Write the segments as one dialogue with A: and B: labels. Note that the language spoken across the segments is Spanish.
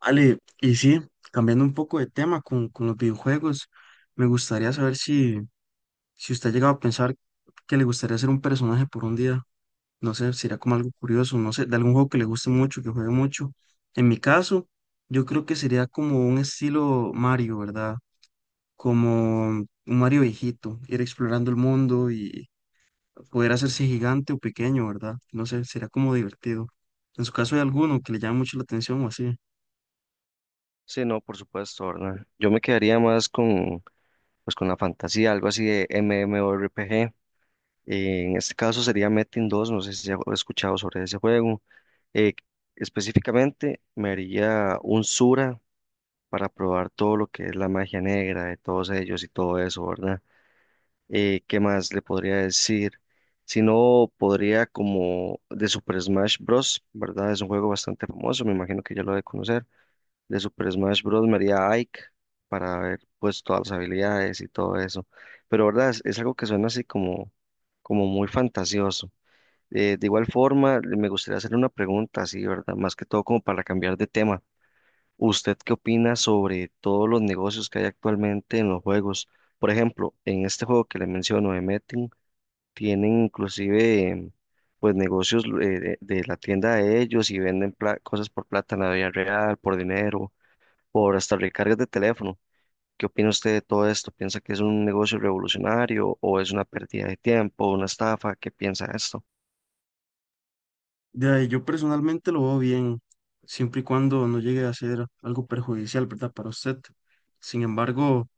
A: Ale, y sí, cambiando un poco de tema con los videojuegos, me gustaría saber si usted ha llegado a pensar que le gustaría ser un personaje por un día. No sé, sería como algo curioso, no sé, de algún juego que le guste mucho, que juegue mucho. En mi caso, yo creo que sería como un estilo Mario, ¿verdad? Como un Mario viejito, ir explorando el mundo y poder hacerse gigante o pequeño, ¿verdad? No sé, sería como divertido. En su caso, ¿hay alguno que le llame mucho la atención o así?
B: Sí, no, por supuesto, ¿verdad? Yo me quedaría más con, pues, con la fantasía, algo así de MMORPG. En este caso sería Metin 2, no sé si ya he escuchado sobre ese juego. Eh, Específicamente me haría un Sura para probar todo lo que es la magia negra de todos ellos y todo eso, ¿verdad? ¿Qué más le podría decir? Si no, podría como de Super Smash Bros., ¿verdad? Es un juego bastante famoso, me imagino que ya lo ha de conocer. De Super Smash Bros. Me haría Ike para ver pues todas las habilidades y todo eso. Pero verdad es algo que suena así como, como muy fantasioso. De igual forma, me gustaría hacerle una pregunta así, ¿verdad? Más que todo como para cambiar de tema. ¿Usted qué opina sobre todos los negocios que hay actualmente en los juegos? Por ejemplo, en este juego que le menciono de Metin, tienen inclusive pues negocios de, la tienda de ellos y venden cosas por plata en la vida real, por dinero, por hasta recargas de teléfono. ¿Qué opina usted de todo esto? ¿Piensa que es un negocio revolucionario o es una pérdida de tiempo, una estafa? ¿Qué piensa de esto?
A: De ahí, yo personalmente lo veo bien, siempre y cuando no llegue a ser algo perjudicial, ¿verdad? Para usted. Sin embargo,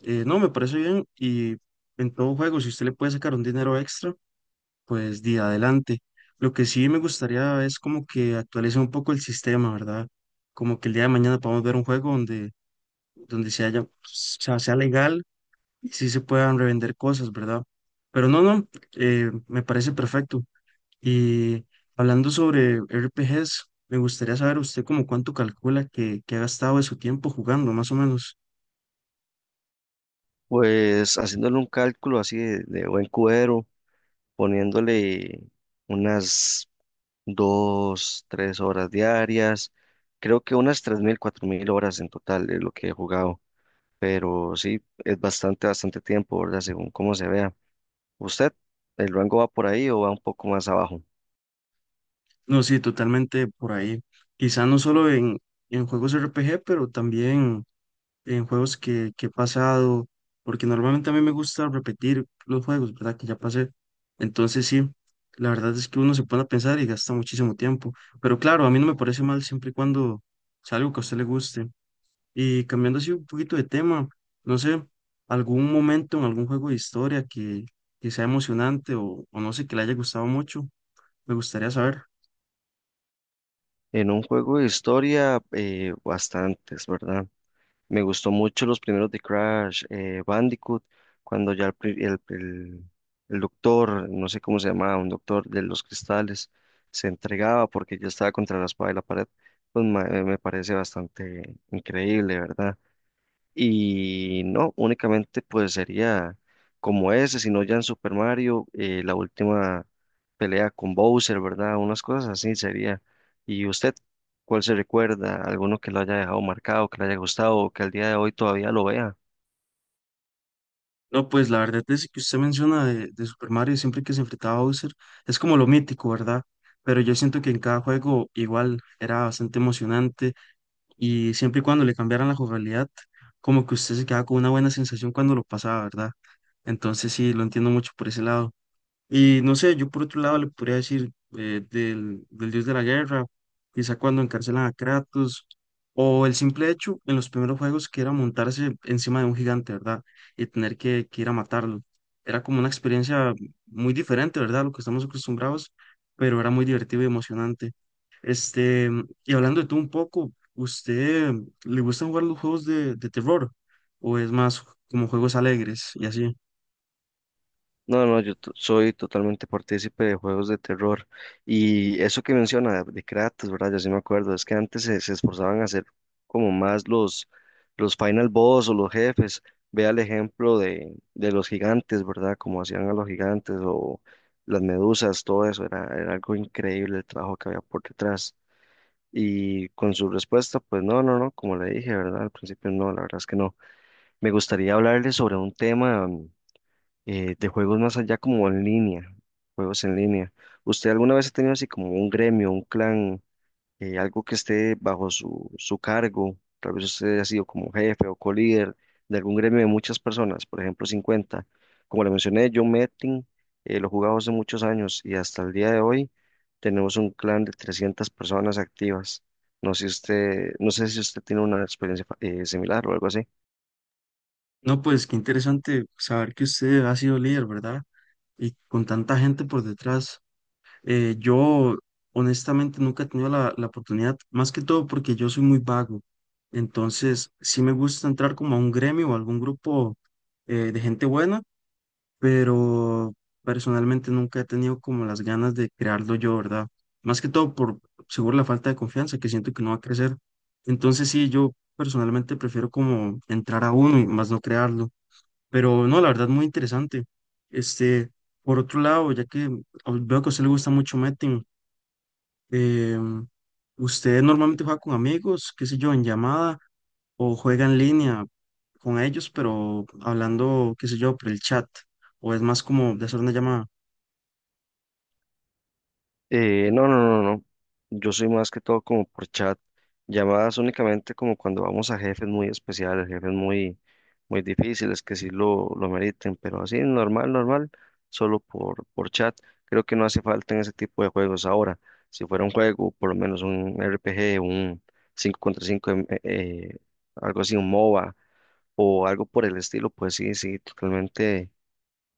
A: no, me parece bien y en todo juego, si usted le puede sacar un dinero extra, pues de adelante. Lo que sí me gustaría es como que actualice un poco el sistema, ¿verdad? Como que el día de mañana podamos ver un juego donde se haya, o sea, sea legal y sí se puedan revender cosas, ¿verdad? Pero no, me parece perfecto. Y hablando sobre RPGs, me gustaría saber usted como cuánto calcula que ha gastado de su tiempo jugando, más o menos.
B: Pues haciéndole un cálculo así de buen cubero, poniéndole unas dos, tres horas diarias, creo que unas tres mil, cuatro mil horas en total es lo que he jugado, pero sí, es bastante, bastante tiempo, ¿verdad? Según cómo se vea. ¿Usted, el rango va por ahí o va un poco más abajo?
A: No, sí, totalmente por ahí. Quizá no solo en juegos RPG, pero también en juegos que he pasado, porque normalmente a mí me gusta repetir los juegos, ¿verdad? Que ya pasé. Entonces sí, la verdad es que uno se pone a pensar y gasta muchísimo tiempo. Pero claro, a mí no me parece mal siempre y cuando sea algo que a usted le guste. Y cambiando así un poquito de tema, no sé, algún momento en algún juego de historia que sea emocionante o no sé, que le haya gustado mucho, me gustaría saber.
B: En un juego de historia, bastantes, ¿verdad? Me gustó mucho los primeros de Crash, Bandicoot, cuando ya el, pri- el doctor, no sé cómo se llamaba, un doctor de los cristales, se entregaba porque yo estaba contra la espada y la pared, pues me parece bastante increíble, ¿verdad? Y no, únicamente pues sería como ese, sino ya en Super Mario, la última pelea con Bowser, ¿verdad? Unas cosas así sería. ¿Y usted cuál se recuerda? ¿Alguno que lo haya dejado marcado, que le haya gustado, o que al día de hoy todavía lo vea?
A: No, pues la verdad es que usted menciona de Super Mario siempre que se enfrentaba a Bowser, es como lo mítico, ¿verdad? Pero yo siento que en cada juego igual era bastante emocionante y siempre y cuando le cambiaran la jugabilidad, como que usted se quedaba con una buena sensación cuando lo pasaba, ¿verdad? Entonces sí, lo entiendo mucho por ese lado. Y no sé, yo por otro lado le podría decir del dios de la guerra, quizá cuando encarcelan a Kratos, o el simple hecho en los primeros juegos que era montarse encima de un gigante, ¿verdad? Y tener que ir a matarlo. Era como una experiencia muy diferente, ¿verdad? A lo que estamos acostumbrados, pero era muy divertido y emocionante. Este, y hablando de tú un poco, ¿usted le gustan jugar los juegos de terror? ¿O es más como juegos alegres y así?
B: No, no, yo soy totalmente partícipe de juegos de terror. Y eso que menciona de Kratos, ¿verdad? Yo sí me acuerdo, es que antes se, se esforzaban a hacer como más los final boss o los jefes. Vea el ejemplo de los gigantes, ¿verdad? Como hacían a los gigantes o las medusas, todo eso. Era, era algo increíble el trabajo que había por detrás. Y con su respuesta, pues no, no, no, como le dije, ¿verdad? Al principio no, la verdad es que no. Me gustaría hablarle sobre un tema. De juegos más allá como en línea, juegos en línea. ¿Usted alguna vez ha tenido así como un gremio, un clan, algo que esté bajo su, su cargo? Tal vez usted ha sido como jefe o co-líder de algún gremio de muchas personas, por ejemplo cincuenta. Como le mencioné, yo Metin lo jugaba hace muchos años y hasta el día de hoy tenemos un clan de 300 personas activas. No sé si usted tiene una experiencia similar o algo así.
A: No, pues qué interesante saber que usted ha sido líder, ¿verdad? Y con tanta gente por detrás. Yo honestamente nunca he tenido la oportunidad, más que todo porque yo soy muy vago. Entonces, sí me gusta entrar como a un gremio o algún grupo de gente buena, pero personalmente nunca he tenido como las ganas de crearlo yo, ¿verdad? Más que todo por seguro la falta de confianza que siento que no va a crecer. Entonces, sí, yo personalmente prefiero como entrar a uno y más no crearlo. Pero no, la verdad, muy interesante. Este, por otro lado, ya que veo que a usted le gusta mucho Metin, eh, ¿usted normalmente juega con amigos, qué sé yo, en llamada o juega en línea con ellos, pero hablando, qué sé yo, por el chat? ¿O es más como de hacer una llamada?
B: No, no, no, no. Yo soy más que todo como por chat, llamadas únicamente como cuando vamos a jefes muy especiales, jefes muy, muy difíciles que sí lo meriten, pero así normal, normal, solo por chat. Creo que no hace falta en ese tipo de juegos ahora. Si fuera un juego, por lo menos un RPG, un 5 contra 5, algo así, un MOBA o algo por el estilo, pues sí, sí, totalmente,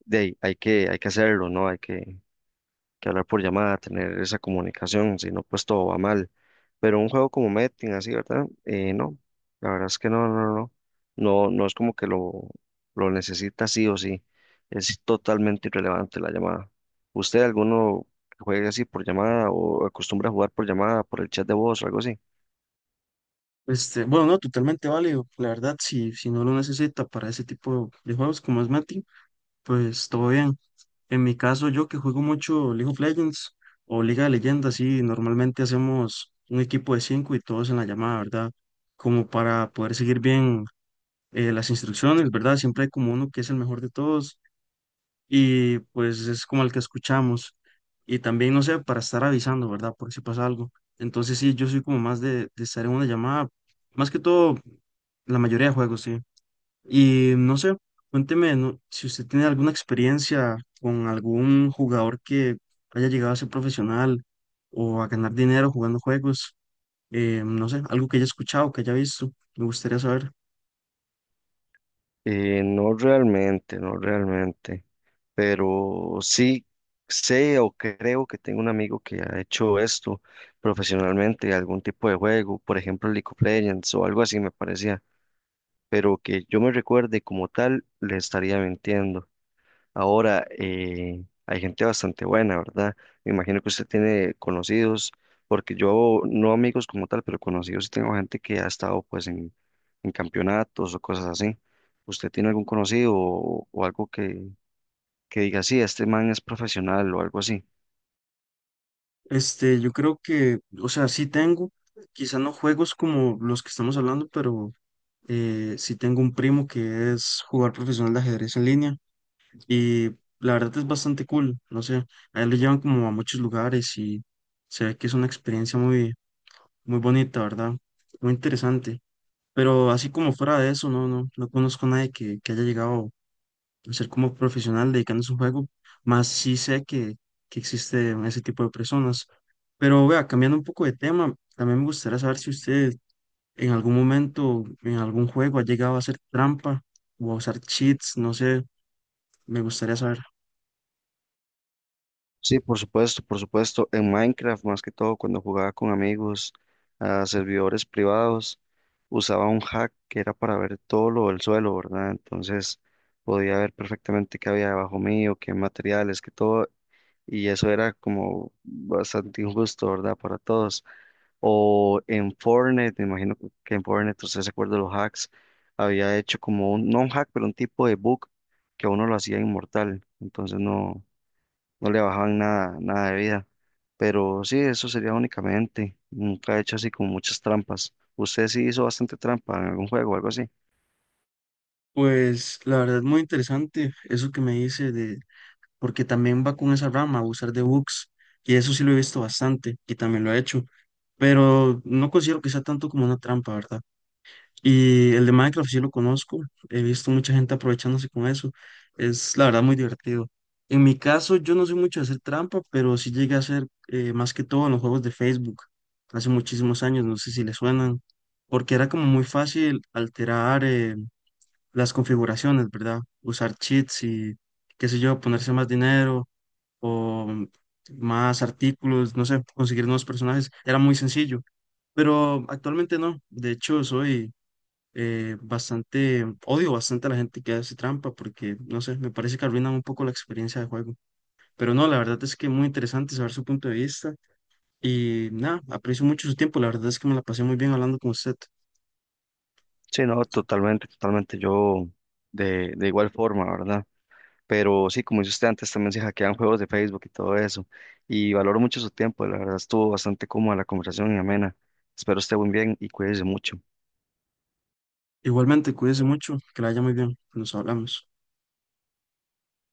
B: de, ahí, hay que hacerlo, ¿no? Hay que hablar por llamada, tener esa comunicación, si no, pues todo va mal. Pero un juego como Metin, así, ¿verdad? No, la verdad es que no, no, no, no, no es como que lo necesita sí o sí, es totalmente irrelevante la llamada. ¿Usted alguno juega así por llamada o acostumbra a jugar por llamada, por el chat de voz o algo así?
A: Este, bueno, no, totalmente válido. La verdad, si no lo necesita para ese tipo de juegos como es Metin, pues todo bien. En mi caso, yo que juego mucho League of Legends o Liga de Leyendas, sí, normalmente hacemos un equipo de cinco y todos en la llamada, ¿verdad? Como para poder seguir bien las instrucciones, ¿verdad? Siempre hay como uno que es el mejor de todos y pues es como el que escuchamos. Y también, no sé, para estar avisando, ¿verdad? Por si pasa algo. Entonces, sí, yo soy como más de estar en una llamada, más que todo, la mayoría de juegos, sí. Y no sé, cuénteme, ¿no? Si usted tiene alguna experiencia con algún jugador que haya llegado a ser profesional o a ganar dinero jugando juegos, no sé, algo que haya escuchado, que haya visto, me gustaría saber.
B: No realmente, no realmente. Pero sí sé o creo que tengo un amigo que ha hecho esto profesionalmente, algún tipo de juego, por ejemplo League of Legends o algo así me parecía, pero que yo me recuerde como tal, le estaría mintiendo. Ahora, hay gente bastante buena, ¿verdad? Me imagino que usted tiene conocidos, porque yo, no amigos como tal, pero conocidos, sí tengo gente que ha estado pues en campeonatos o cosas así. ¿Usted tiene algún conocido o algo que diga, sí, este man es profesional o algo así?
A: Este, yo creo que, o sea, sí tengo, quizá no juegos como los que estamos hablando, pero sí tengo un primo que es jugador profesional de ajedrez en línea y la verdad es bastante cool, no sé, a él lo llevan como a muchos lugares y se ve que es una experiencia muy muy bonita, ¿verdad? Muy interesante. Pero así como fuera de eso, no, no conozco a nadie que haya llegado a ser como profesional dedicándose a un juego, más sí sé que existe ese tipo de personas. Pero vea, cambiando un poco de tema, también me gustaría saber si usted en algún momento, en algún juego, ha llegado a hacer trampa o a usar cheats, no sé, me gustaría saber.
B: Sí, por supuesto, por supuesto. En Minecraft, más que todo, cuando jugaba con amigos a servidores privados, usaba un hack que era para ver todo lo del suelo, ¿verdad? Entonces podía ver perfectamente qué había debajo mío, qué materiales, qué todo, y eso era como bastante injusto, ¿verdad? Para todos. O en Fortnite, me imagino usted se acuerda de los hacks, había hecho como un, no un hack, pero un tipo de bug que a uno lo hacía inmortal, entonces no, no le bajaban nada, nada de vida. Pero sí, eso sería únicamente, nunca he hecho así como muchas trampas. ¿Usted sí hizo bastante trampa en algún juego o algo así?
A: Pues la verdad es muy interesante eso que me dice de porque también va con esa rama, abusar de bugs, y eso sí lo he visto bastante, y también lo he hecho, pero no considero que sea tanto como una trampa, ¿verdad? Y el de Minecraft sí lo conozco, he visto mucha gente aprovechándose con eso, es la verdad muy divertido. En mi caso, yo no soy mucho de hacer trampa, pero sí llegué a hacer más que todo en los juegos de Facebook, hace muchísimos años, no sé si les suenan, porque era como muy fácil alterar las configuraciones, ¿verdad? Usar cheats y qué sé yo, ponerse más dinero o más artículos, no sé, conseguir nuevos personajes, era muy sencillo, pero actualmente no, de hecho soy odio bastante a la gente que hace trampa porque, no sé, me parece que arruinan un poco la experiencia de juego, pero no, la verdad es que muy interesante saber su punto de vista y nada, aprecio mucho su tiempo, la verdad es que me la pasé muy bien hablando con usted.
B: Sí, no, totalmente, totalmente, yo de igual forma, ¿verdad? Pero sí, como dice usted antes, también se hackean juegos de Facebook y todo eso. Y valoro mucho su tiempo, la verdad estuvo bastante cómoda la conversación y amena. Espero esté muy bien y cuídese mucho.
A: Igualmente, cuídese mucho, que la haya muy bien, nos hablamos.